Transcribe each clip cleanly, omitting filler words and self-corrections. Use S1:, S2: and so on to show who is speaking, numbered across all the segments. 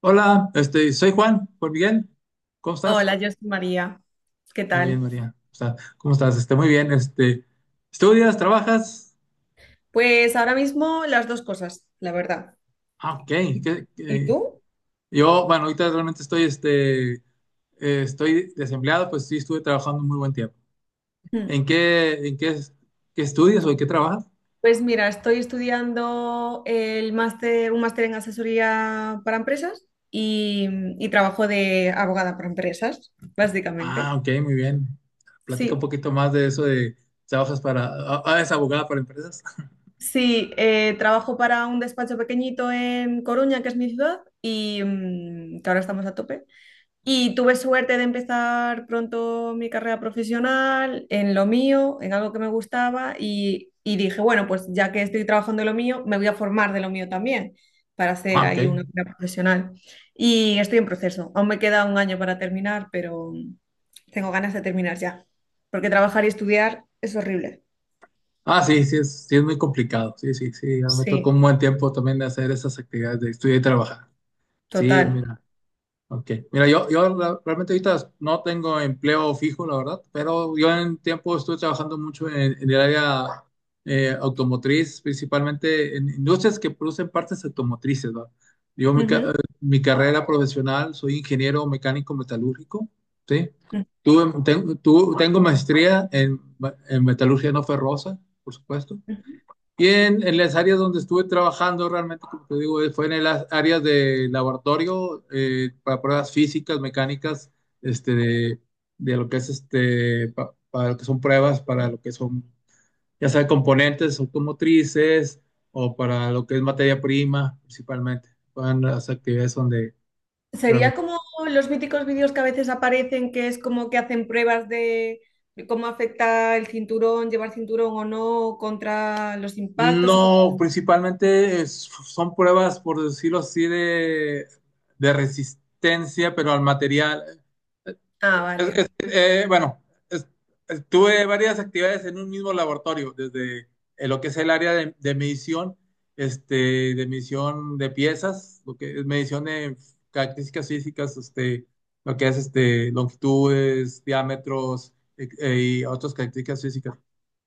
S1: Hola, soy Juan, Juan Miguel. ¿Cómo estás?
S2: Hola, yo soy María. ¿Qué
S1: Muy bien,
S2: tal?
S1: María. O sea, ¿cómo estás? Muy bien. ¿Estudias? ¿Trabajas?
S2: Pues ahora mismo las dos cosas, la verdad.
S1: Ah, ok.
S2: ¿Y
S1: ¿Qué-
S2: y
S1: qué?
S2: tú?
S1: Yo, bueno, ahorita realmente estoy desempleado, pues sí estuve trabajando un muy buen tiempo. ¿En
S2: Mm.
S1: qué, en qué, ¿Qué estudias o en qué trabajas?
S2: Pues mira, estoy estudiando el máster, un máster en asesoría para empresas y, y trabajo de abogada para empresas,
S1: Ah,
S2: básicamente.
S1: ok, muy bien. Platica un
S2: Sí,
S1: poquito más de eso de trabajas para, es abogada para empresas.
S2: sí, eh, trabajo para un despacho pequeñito en Coruña, que es mi ciudad, y que ahora estamos a tope. Y tuve suerte de empezar pronto mi carrera profesional en lo mío, en algo que me gustaba y dije, bueno, pues ya que estoy trabajando en lo mío, me voy a formar de lo mío también para hacer
S1: Ah, ok.
S2: ahí una carrera profesional. Y estoy en proceso. Aún me queda un año para terminar, pero tengo ganas de terminar ya, porque trabajar y estudiar es horrible.
S1: Ah, sí, es muy complicado. Sí, sí, sí. Ya me tocó
S2: Sí,
S1: un buen tiempo también de hacer esas actividades de estudiar y trabajar. Sí,
S2: total.
S1: mira, ok. Mira, realmente ahorita no tengo empleo fijo, la verdad, pero yo en tiempo estuve trabajando mucho en el área automotriz, principalmente en industrias que producen partes automotrices, ¿va? Yo mi, ca- eh,
S2: Ujú,
S1: mi carrera profesional soy ingeniero mecánico metalúrgico, ¿sí?
S2: ujú,
S1: Tengo maestría en metalurgia no ferrosa, por supuesto.
S2: ujú.
S1: Y en las áreas donde estuve trabajando, realmente, como te digo, fue en las áreas de laboratorio, para pruebas físicas, mecánicas, este, de, de lo que es, para lo que son pruebas, para lo que son, ya sea componentes automotrices o para lo que es materia prima, principalmente. Van las actividades donde
S2: Sería
S1: realmente.
S2: como los míticos vídeos que a veces aparecen, que es como que hacen pruebas de cómo afecta el cinturón, llevar cinturón o no, contra los impactos o cosas.
S1: No, principalmente son pruebas, por decirlo así, de resistencia, pero al material.
S2: Ah, vale.
S1: Bueno, es- tuve varias actividades en un mismo laboratorio, desde lo que es el área de medición, de medición de piezas, lo que es medición de características físicas, lo que es, longitudes, diámetros, y otras características físicas.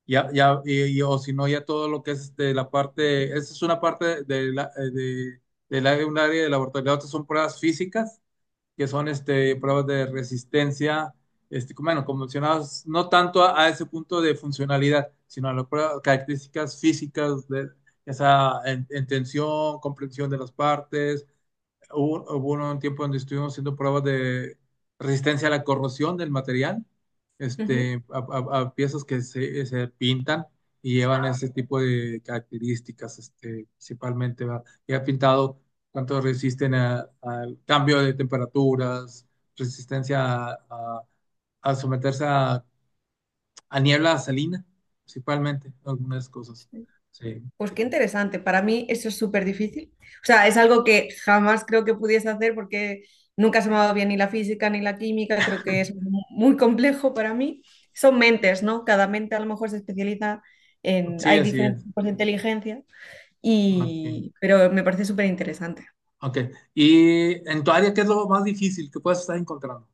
S1: Ya, ya, o si no, ya todo lo que es, la parte, esa es una parte un área de laboratorio. La otra son pruebas físicas que son, pruebas de resistencia, bueno, convencionadas no tanto a ese punto de funcionalidad, sino a las características físicas, de, ya sea en tensión, comprensión de las partes. Hubo un tiempo donde estuvimos haciendo pruebas de resistencia a la corrosión del material,
S2: Ujú.
S1: a piezas que se pintan y llevan ese tipo de características, principalmente, ¿verdad? Y ha pintado cuánto resisten al cambio de temperaturas, resistencia a, a- a someterse a niebla salina, principalmente, algunas cosas. Sí,
S2: Pues qué interesante. Para mí eso es súper difícil. O sea, es algo que jamás creo que pudiese hacer porque nunca se me ha dado bien ni la física ni la química. Creo que es muy complejo para mí. Son mentes, ¿no? Cada mente a lo mejor se especializa en...
S1: sí,
S2: Hay
S1: así
S2: diferentes
S1: es.
S2: tipos de inteligencia.
S1: Ok.
S2: Y, pero me parece súper interesante.
S1: Ok. ¿Y en tu área qué es lo más difícil que puedes estar encontrando?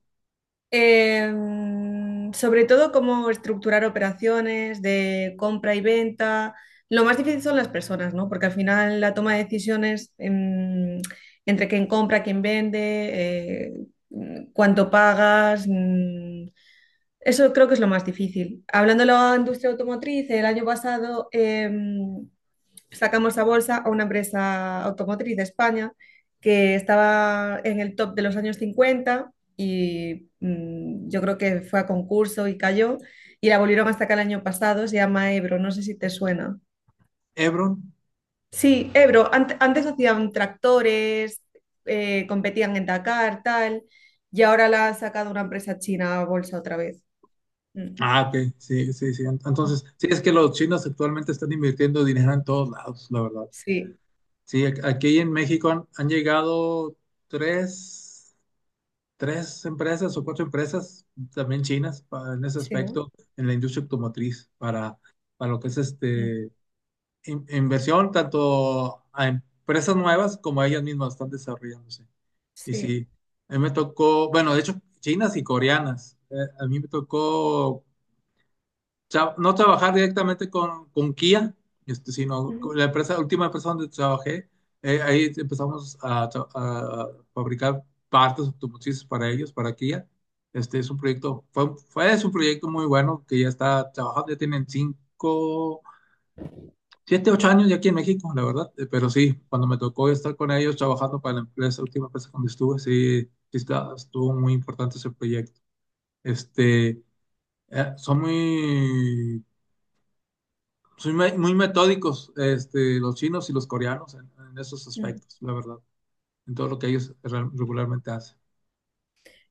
S2: Sobre todo cómo estructurar operaciones de compra y venta. Lo más difícil son las personas, ¿no? Porque al final la toma de decisiones, entre quién compra, quién vende, eh, cuánto pagas, eso creo que es lo más difícil. Hablando de la industria automotriz, el año pasado sacamos a bolsa a una empresa automotriz de España que estaba en el top de los años 50 y yo creo que fue a concurso y cayó y la volvieron hasta acá el año pasado, se llama Ebro, no sé si te suena.
S1: Hebron.
S2: Sí, Ebro, antes hacían tractores, competían en Dakar, tal, y ahora la ha sacado una empresa china a bolsa otra vez. Mm.
S1: Ah, ok. Sí, sí, sí. Entonces, sí, es que los chinos actualmente están invirtiendo dinero en todos lados, la verdad.
S2: Sí,
S1: Sí, aquí en México han llegado tres, tres empresas o cuatro empresas también chinas, en ese
S2: sí, ¿no?
S1: aspecto, en la industria automotriz, para, lo que es,
S2: Mm.
S1: inversión, tanto a empresas nuevas como a ellas mismas están desarrollándose. Y
S2: Sí.
S1: sí, a mí me tocó, bueno, de hecho, chinas y coreanas. A mí me tocó no trabajar directamente con Kia, sino con
S2: Ujú.
S1: la empresa, la última empresa donde trabajé. Ahí empezamos a fabricar partes automotrices para ellos, para Kia. Este es un proyecto. Fue, fue Es un proyecto muy bueno que ya está trabajando. Ya tienen cinco Siete, ocho años ya aquí en México, la verdad. Pero sí, cuando me tocó estar con ellos trabajando para la empresa, última empresa donde estuve, sí, sí estuvo muy importante ese proyecto. Este, eh, son muy, son muy muy metódicos, los chinos y los coreanos en esos
S2: Mm.
S1: aspectos, la verdad, en todo lo que ellos regularmente hacen,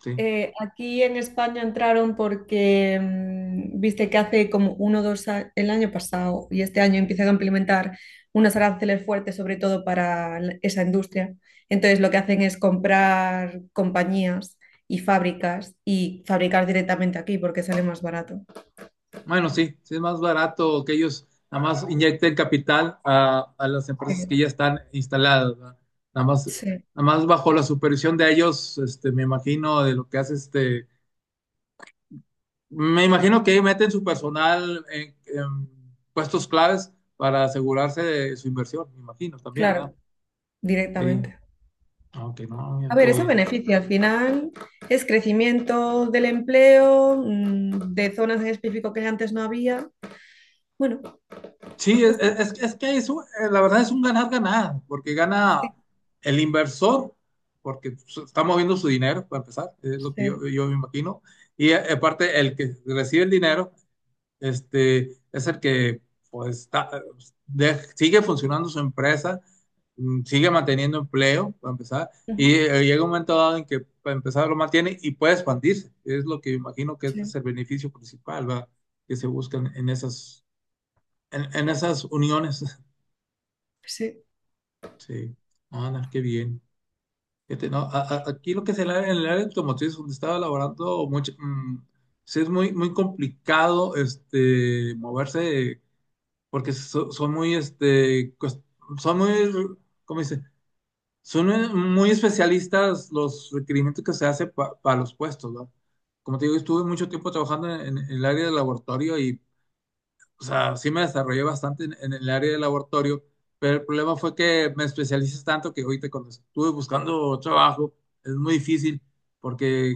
S1: sí.
S2: Aquí en España entraron porque, viste que hace como uno o dos años, el año pasado y este año empiezan a implementar unos aranceles fuertes, sobre todo para esa industria. Entonces lo que hacen es comprar compañías y fábricas y fabricar directamente aquí porque sale más barato.
S1: Bueno, sí, sí es más barato que ellos nada más inyecten capital a las
S2: Sí,
S1: empresas que ya están instaladas, ¿verdad? Nada más,
S2: sí,
S1: nada más bajo la supervisión de ellos. Me imagino de lo que hace. Me imagino que meten su personal en puestos claves para asegurarse de su inversión, me imagino también, ¿verdad?
S2: claro,
S1: Sí,
S2: directamente.
S1: aunque no, mira,
S2: A
S1: qué
S2: ver, eso
S1: bien.
S2: beneficia al final, es crecimiento del empleo, de zonas en específico que antes no había. Bueno,
S1: Sí,
S2: ya
S1: es,
S2: está, ¿no?
S1: es que es la verdad es un ganar-ganar, porque gana
S2: Sí.
S1: el inversor, porque está moviendo su dinero, para empezar, es lo que yo,
S2: Sí,
S1: me imagino, y aparte el que recibe el dinero, es el que pues sigue funcionando su empresa, sigue manteniendo empleo, para empezar,
S2: ujú,
S1: y llega un momento dado en que para empezar lo mantiene y puede expandirse, es lo que yo imagino que este es
S2: sí,
S1: el beneficio principal, ¿verdad? Que se buscan en esas, en esas uniones.
S2: sí,
S1: Sí, ah, no, qué bien. Fíjate, no, aquí lo que es el área, en el área automotriz donde estaba laborando mucho. Sí es muy, muy complicado, moverse porque son muy, son muy, ¿cómo dice? Son muy muy especialistas los requerimientos que se hace, para los puestos, ¿no? Como te digo, estuve mucho tiempo trabajando en el área de laboratorio y o sea, sí me desarrollé bastante en el área de laboratorio, pero el problema fue que me especialices tanto que ahorita cuando estuve buscando trabajo es muy difícil, porque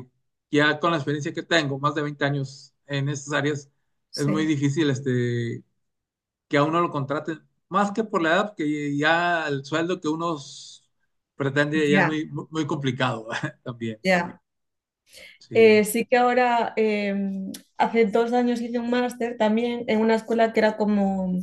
S1: ya con la experiencia que tengo, más de 20 años en estas áreas, es muy
S2: sí,
S1: difícil, que a uno lo contraten, más que por la edad, que ya el sueldo que uno pretende ya es
S2: ya,
S1: muy muy complicado también.
S2: ya.
S1: Sí.
S2: Sí que ahora, hace dos años hice un máster también en una escuela que era como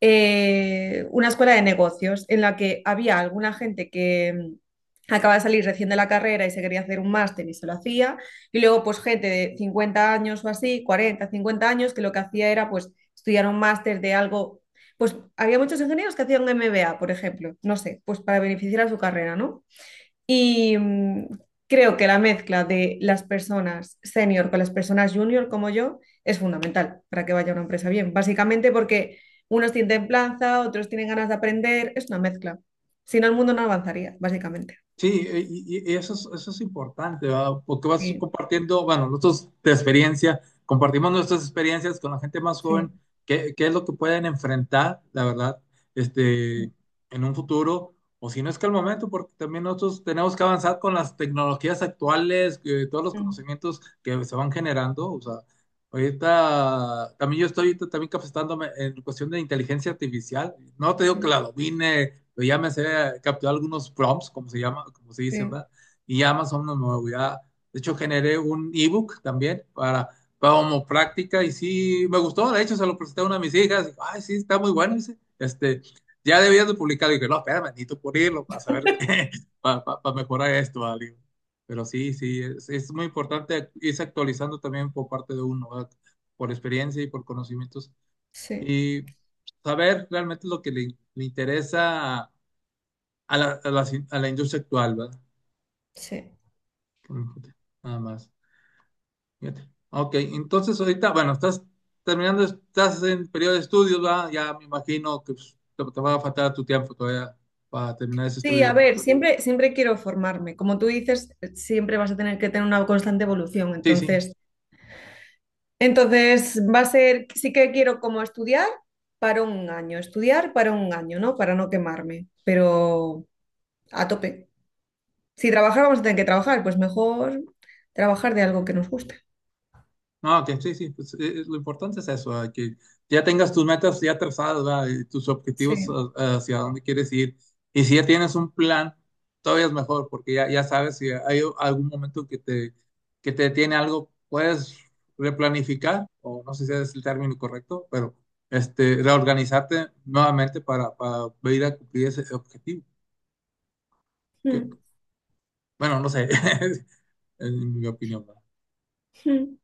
S2: una escuela de negocios en la que había alguna gente que acaba de salir recién de la carrera y se quería hacer un máster y se lo hacía, y luego pues gente de 50 años o así, 40 50 años, que lo que hacía era pues estudiar un máster de algo, pues había muchos ingenieros que hacían un MBA, por ejemplo, no sé, pues para beneficiar a su carrera, ¿no? Y creo que la mezcla de las personas senior con las personas junior como yo es fundamental para que vaya una empresa bien. Básicamente porque unos tienen templanza, otros tienen ganas de aprender, es una mezcla. Si no, el mundo no avanzaría, básicamente.
S1: Sí, y eso es importante, ¿verdad? Porque vas
S2: Sí,
S1: compartiendo, bueno, nosotros de experiencia, compartimos nuestras experiencias con la gente más
S2: sí,
S1: joven, qué es lo que pueden enfrentar, la verdad, este, en un futuro, o si no es que al momento, porque también nosotros tenemos que avanzar con las tecnologías actuales, que todos los
S2: mm,
S1: conocimientos que se van generando, o sea, ahorita, también yo estoy ahorita también capacitándome en cuestión de inteligencia artificial. No te digo que
S2: sí,
S1: la domine, pero ya me sé capturar algunos prompts, como se llama, como se dice,
S2: sí,
S1: ¿verdad? Y ya más o menos me voy a... De hecho, generé un ebook también para, como práctica y sí, me gustó. De hecho, se lo presenté a una de mis hijas. Ay, sí, está muy bueno. Dice, ya debías de publicarlo. Y dije, no, espérame, necesito pulirlo para saber, para mejorar esto, ¿verdad? Digo, pero sí, sí, es muy importante irse actualizando también por parte de uno, ¿verdad? Por experiencia y por conocimientos.
S2: sí,
S1: Y saber realmente lo que le interesa a la, a la industria actual, ¿verdad?
S2: sí.
S1: Que me fíjate. Nada más. Fíjate. Ok, entonces ahorita, bueno, estás terminando, estás en periodo de estudios, ¿verdad? Ya me imagino que pues, te va a faltar tu tiempo todavía para terminar ese
S2: Sí, a
S1: estudio.
S2: ver, siempre, siempre quiero formarme. Como tú dices, siempre vas a tener que tener una constante evolución.
S1: Sí, sí.
S2: Entonces, entonces va a ser, sí que quiero como estudiar para un año, estudiar para un año, ¿no? Para no quemarme, pero a tope. Si trabajar vamos a tener que trabajar, pues mejor trabajar de algo que nos guste.
S1: No, que sí, sí, pues, lo importante es eso, ¿verdad? Que ya tengas tus metas ya trazadas, ¿verdad? Y tus objetivos,
S2: Sí.
S1: hacia dónde quieres ir. Y si ya tienes un plan, todavía es mejor, porque ya sabes si hay algún momento que te detiene algo, puedes replanificar, o no sé si es el término correcto, pero, reorganizarte nuevamente para ir a cumplir ese objetivo. Que-
S2: Mm,
S1: bueno, no sé, es mi opinión, ¿verdad?
S2: mm,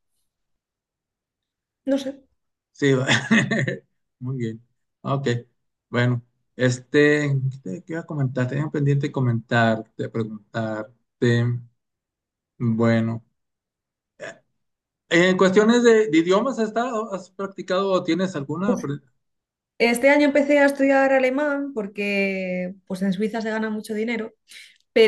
S2: no sé.
S1: Sí, va. Muy bien. Ok, bueno, ¿qué iba a comentar? Tenía pendiente comentarte, preguntarte. Bueno, eh, en cuestiones de idiomas, ¿has estado, has practicado o tienes alguna?
S2: Este año empecé a estudiar alemán porque pues en Suiza se gana mucho dinero,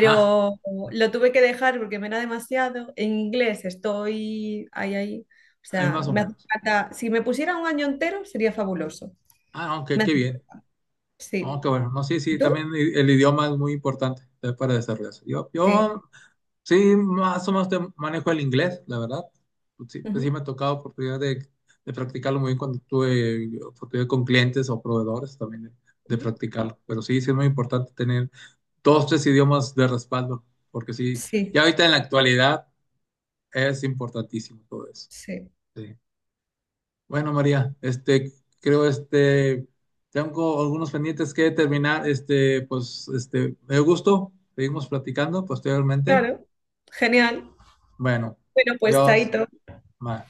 S1: Ah,
S2: lo tuve que dejar porque me era demasiado. En inglés estoy ahí, ahí. O
S1: hay
S2: sea,
S1: más o
S2: me hace
S1: menos.
S2: falta, si me pusiera un año entero sería fabuloso.
S1: Ah, no, qué,
S2: Me
S1: qué
S2: hace-
S1: bien. No,
S2: Sí.
S1: qué bueno. No, sí,
S2: ¿Y
S1: sí,
S2: tú?
S1: también el idioma es muy importante, para desarrollarse. Yo,
S2: Sí.
S1: yo Sí, más o menos te manejo el inglés, la verdad. Sí, pues sí
S2: Ujú,
S1: me ha tocado oportunidad de practicarlo muy bien cuando tuve oportunidad con clientes o proveedores también de
S2: ujú.
S1: practicarlo. Pero sí, sí es muy importante tener dos, tres idiomas de respaldo, porque sí, ya
S2: Sí,
S1: ahorita en la actualidad es importantísimo todo eso.
S2: sí.
S1: Sí. Bueno, María. Creo, tengo algunos pendientes que terminar. Pues, me gusto. Seguimos platicando posteriormente.
S2: Claro. Genial.
S1: Bueno,
S2: Bueno, pues
S1: Dios.
S2: chaito.
S1: Bye.